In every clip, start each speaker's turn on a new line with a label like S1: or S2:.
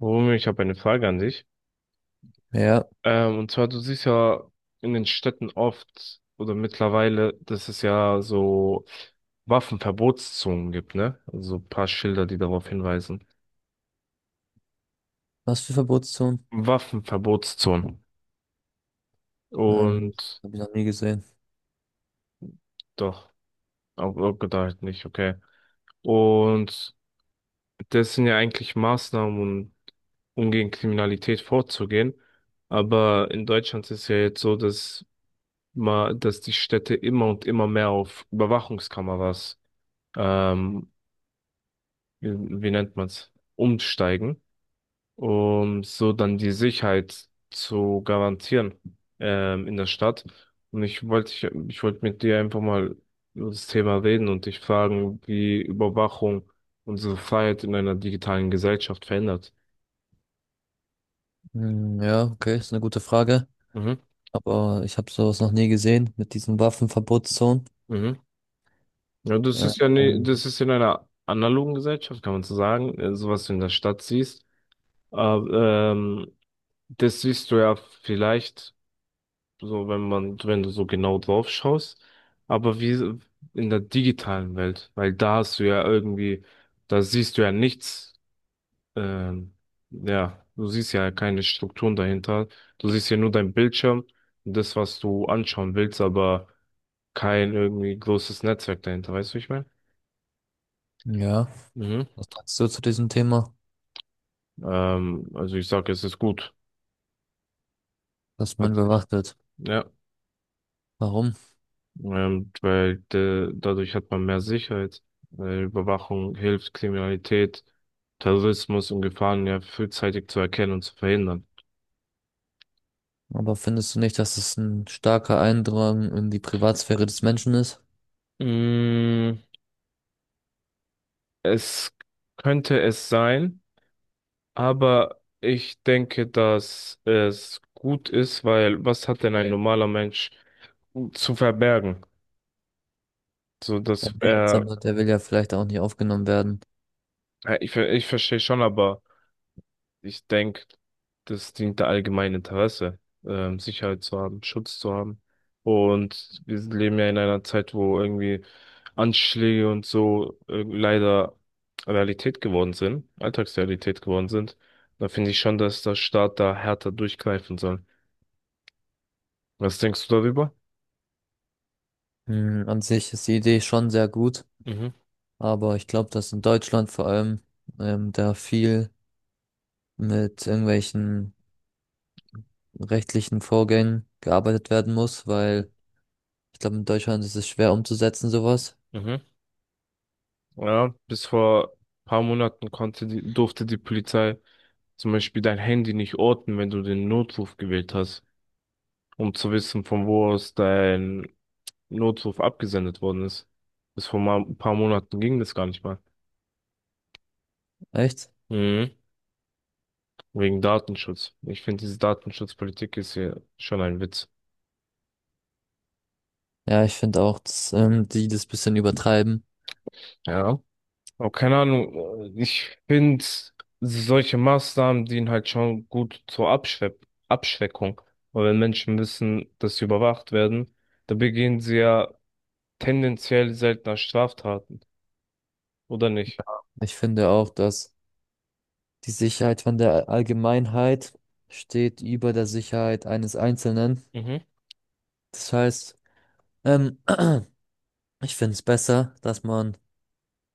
S1: Romeo, ich habe eine Frage an dich.
S2: Ja,
S1: Und zwar, du siehst ja in den Städten oft oder mittlerweile, dass es ja so Waffenverbotszonen gibt, ne? Also ein paar Schilder, die darauf hinweisen.
S2: was für Verbotszonen?
S1: Waffenverbotszonen.
S2: Ähm,
S1: Und
S2: habe ich noch nie gesehen.
S1: doch, auch gedacht nicht, okay. Und das sind ja eigentlich Maßnahmen, um gegen Kriminalität vorzugehen. Aber in Deutschland ist es ja jetzt so, dass die Städte immer und immer mehr auf Überwachungskameras ähm, wie, wie nennt man's, umsteigen, um so dann die Sicherheit zu garantieren in der Stadt. Und ich wollte mit dir einfach mal über das Thema reden und dich fragen, wie Überwachung unsere Freiheit in einer digitalen Gesellschaft verändert.
S2: Hm, ja, okay, ist eine gute Frage.
S1: Mhm,
S2: Aber ich habe sowas noch nie gesehen mit diesen Waffenverbotszonen.
S1: mhm. Ja, das ist ja ne,
S2: Ähm,
S1: das ist in einer analogen Gesellschaft, kann man so sagen, so was du in der Stadt siehst. Aber, das siehst du ja vielleicht so wenn du so genau drauf schaust, aber wie so in der digitalen Welt, weil da hast du ja irgendwie, da siehst du ja nichts, ähm, ja, du siehst ja keine Strukturen dahinter, du siehst ja nur deinen Bildschirm und das, was du anschauen willst, aber kein irgendwie großes Netzwerk dahinter, weißt du, wie ich meine?
S2: ja,
S1: Mhm.
S2: was sagst du zu diesem Thema,
S1: Also ich sag, es ist gut.
S2: dass man
S1: Hat- sich-
S2: überwacht wird?
S1: Ja.
S2: Warum?
S1: Weil dadurch hat man mehr Sicherheit. Überwachung hilft, Kriminalität, Terrorismus und Gefahren ja frühzeitig zu erkennen und zu verhindern.
S2: Aber findest du nicht, dass es ein starker Eindrang in die Privatsphäre des Menschen ist?
S1: Mm, es könnte es sein, aber ich denke, dass es gut ist, weil was hat denn ein normaler Mensch zu verbergen? So,
S2: Ja,
S1: dass
S2: nichts,
S1: er,
S2: aber der will ja vielleicht auch nicht aufgenommen werden.
S1: ich, ver- ich verstehe schon, aber ich denke, das dient der allgemeinen Interesse, Sicherheit zu haben, Schutz zu haben. Und wir leben ja in einer Zeit, wo irgendwie Anschläge und so leider Realität geworden sind, Alltagsrealität geworden sind. Da finde ich schon, dass der Staat da härter durchgreifen soll. Was denkst du darüber?
S2: Hm, an sich ist die Idee schon sehr gut,
S1: Mhm,
S2: aber ich glaube, dass in Deutschland vor allem da viel mit irgendwelchen rechtlichen Vorgängen gearbeitet werden muss, weil ich glaube, in Deutschland ist es schwer umzusetzen, sowas.
S1: mhm. Ja, bis vor paar Monaten durfte die Polizei zum Beispiel dein Handy nicht orten, wenn du den Notruf gewählt hast, um zu wissen, von wo aus dein Notruf abgesendet worden ist. Bis vor ein paar Monaten ging das gar nicht mal.
S2: Echt?
S1: Mhm. Wegen Datenschutz. Ich finde, diese Datenschutzpolitik ist hier schon ein Witz.
S2: Ja, ich finde auch, dass, die das bisschen übertreiben.
S1: Ja. Aber keine Ahnung, ich finde, solche Maßnahmen dienen halt schon gut zur Abschwe Abschreckung. Weil wenn Menschen wissen, dass sie überwacht werden, dann begehen sie ja tendenziell seltener Straftaten, oder nicht?
S2: Ich finde auch, dass die Sicherheit von der Allgemeinheit steht über der Sicherheit eines Einzelnen.
S1: Mhm.
S2: Das heißt, ähm, ich finde es besser, dass man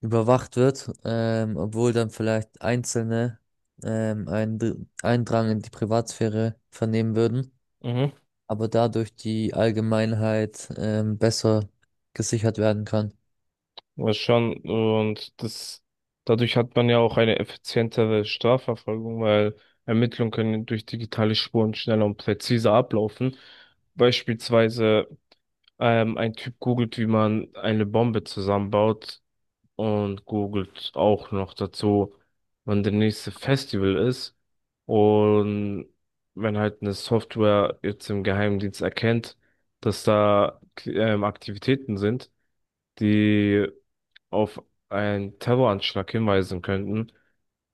S2: überwacht wird, obwohl dann vielleicht Einzelne ähm, einen Dr- Eindrang in die Privatsphäre vernehmen würden.
S1: Mhm.
S2: Aber dadurch die Allgemeinheit besser gesichert werden kann.
S1: Ja, schon. Und dadurch hat man ja auch eine effizientere Strafverfolgung, weil Ermittlungen können durch digitale Spuren schneller und präziser ablaufen. Beispielsweise, ein Typ googelt, wie man eine Bombe zusammenbaut und googelt auch noch dazu, wann der nächste Festival ist. Und wenn halt eine Software jetzt im Geheimdienst erkennt, dass da, Aktivitäten sind, die auf einen Terroranschlag hinweisen könnten,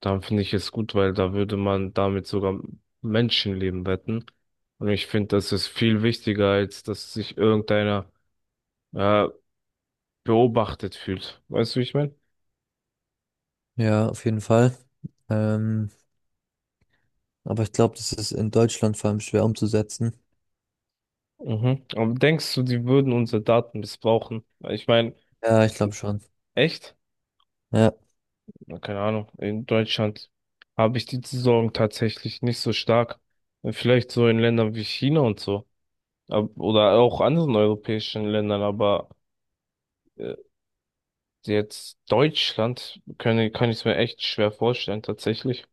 S1: dann finde ich es gut, weil da würde man damit sogar Menschenleben retten. Und ich finde, das ist viel wichtiger, als dass sich irgendeiner äh, beobachtet fühlt. Weißt du, wie ich meine?
S2: Ja, auf jeden Fall. Ähm, aber ich glaube, das ist in Deutschland vor allem schwer umzusetzen.
S1: Mhm. Aber denkst du, die würden unsere Daten missbrauchen? Ich meine,
S2: Ja, ich glaube schon.
S1: echt?
S2: Ja,
S1: Na, keine Ahnung. In Deutschland habe ich die Sorgen tatsächlich nicht so stark. Vielleicht so in Ländern wie China und so. Oder auch anderen europäischen Ländern, aber äh, jetzt Deutschland kann ich es mir echt schwer vorstellen, tatsächlich.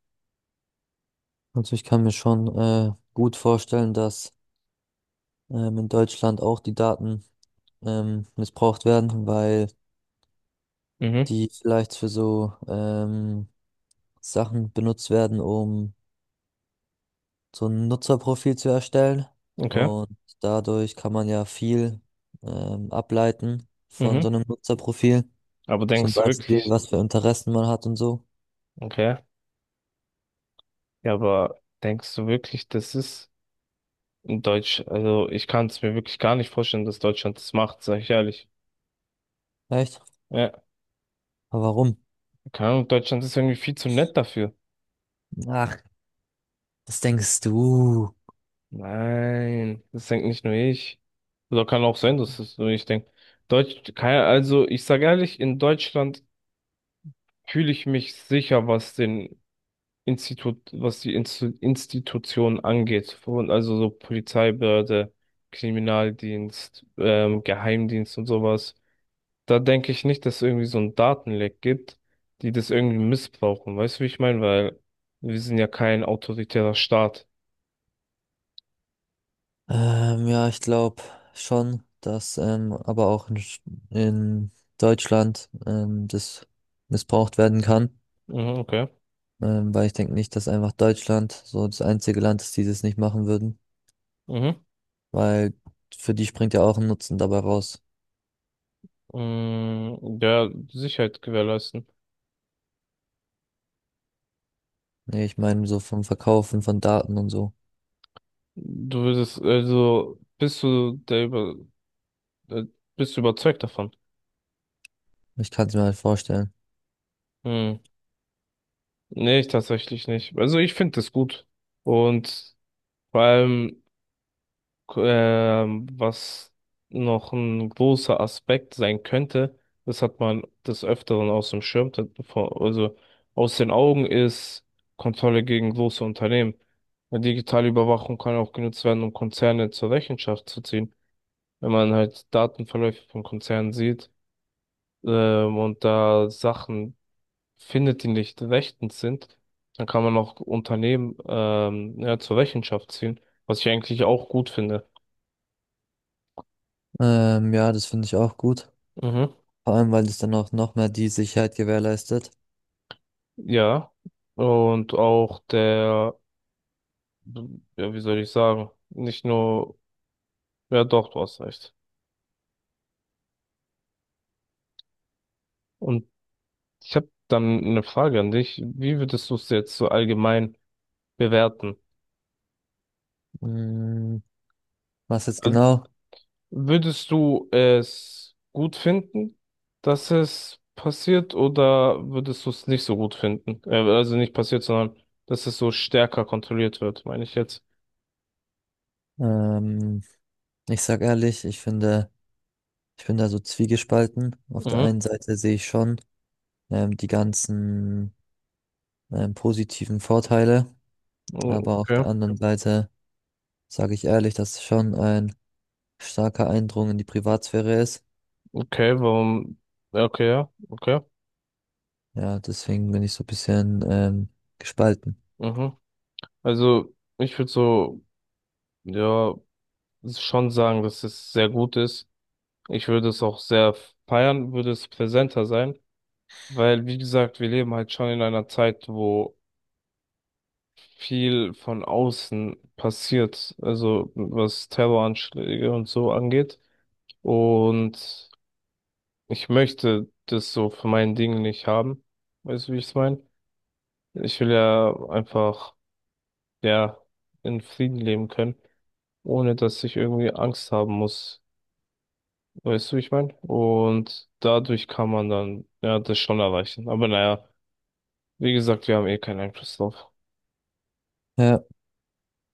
S2: also ich kann mir schon gut vorstellen, dass in Deutschland auch die Daten missbraucht werden, weil
S1: Mhm,
S2: die vielleicht für so Sachen benutzt werden, um so ein Nutzerprofil zu erstellen.
S1: okay.
S2: Und dadurch kann man ja viel ableiten von so
S1: Mhm.
S2: einem Nutzerprofil.
S1: Aber
S2: Zum
S1: denkst du
S2: Beispiel,
S1: wirklich,
S2: was für Interessen man hat und so.
S1: okay, ja, aber denkst du wirklich, das ist also ich kann es mir wirklich gar nicht vorstellen, dass Deutschland das macht, sag ich ehrlich.
S2: Echt?
S1: Ja,
S2: Aber warum?
S1: keine Ahnung, Deutschland ist irgendwie viel zu nett dafür.
S2: Ach, was denkst du?
S1: Nein, das denkt nicht nur ich. Oder kann auch sein, dass das nur ich denke. Deutsch, keine, also ich sag ehrlich, in Deutschland fühle ich mich sicher, was die Instu Institution angeht. Also so Polizeibehörde, Kriminaldienst, Geheimdienst und sowas. Da denke ich nicht, dass es irgendwie so ein Datenleck gibt, die das irgendwie missbrauchen. Weißt du, wie ich meine? Weil wir sind ja kein autoritärer Staat.
S2: Ja, ich glaube schon, dass in Deutschland das missbraucht werden kann.
S1: Mhm, okay.
S2: Weil ich denke nicht, dass einfach Deutschland so das einzige Land ist, die das nicht machen würden.
S1: Mhm.
S2: Weil für die springt ja auch ein Nutzen dabei raus.
S1: Ja, Sicherheit gewährleisten.
S2: Nee, ich meine so vom Verkaufen von Daten und so.
S1: Du würdest, also, bist du der über, äh, bist du überzeugt davon?
S2: Ich kann es mir halt vorstellen.
S1: Hm. Nee, ich tatsächlich nicht. Also ich finde das gut. Und vor allem, was noch ein großer Aspekt sein könnte, das hat man des Öfteren aus dem Schirm, also aus den Augen ist Kontrolle gegen große Unternehmen. Eine digitale Überwachung kann auch genutzt werden, um Konzerne zur Rechenschaft zu ziehen. Wenn man halt Datenverläufe von Konzernen sieht, und da Sachen findet, die nicht rechtens sind, dann kann man auch Unternehmen ja, zur Rechenschaft ziehen, was ich eigentlich auch gut finde.
S2: Ja, das finde ich auch gut.
S1: Mhm.
S2: Vor allem, weil es dann auch noch mehr die Sicherheit gewährleistet.
S1: Ja. Und auch der, ja, wie soll ich sagen, nicht nur, ja doch, du hast recht. Und ich habe dann eine Frage an dich. Wie würdest du es jetzt so allgemein bewerten?
S2: Mm, was jetzt genau?
S1: Würdest du es gut finden, dass es passiert, oder würdest du es nicht so gut finden? Also nicht passiert, sondern dass es so stärker kontrolliert wird, meine ich jetzt.
S2: Ähm, ich sag ehrlich, ich finde, ich bin da so zwiegespalten. Auf der
S1: Mhm.
S2: einen Seite sehe ich schon die ganzen positiven Vorteile, aber auf
S1: Okay,
S2: der anderen Seite sage ich ehrlich, dass es schon ein starker Eindrung in die Privatsphäre ist.
S1: okay, warum? Ja, okay, ja, okay.
S2: Ja, deswegen bin ich so ein bisschen gespalten.
S1: Mhm. Also ich würde so, ja, schon sagen, dass es sehr gut ist. Ich würde es auch sehr feiern, würde es präsenter sein, weil, wie gesagt, wir leben halt schon in einer Zeit, wo viel von außen passiert, also was Terroranschläge und so angeht. Und ich möchte das so für mein Ding nicht haben. Weißt du, wie ich es meine? Ich will ja einfach, ja, in Frieden leben können, ohne dass ich irgendwie Angst haben muss. Weißt du, wie ich meine? Und dadurch kann man dann, ja, das schon erreichen. Aber naja, wie gesagt, wir haben eh keinen Einfluss drauf.
S2: Ja,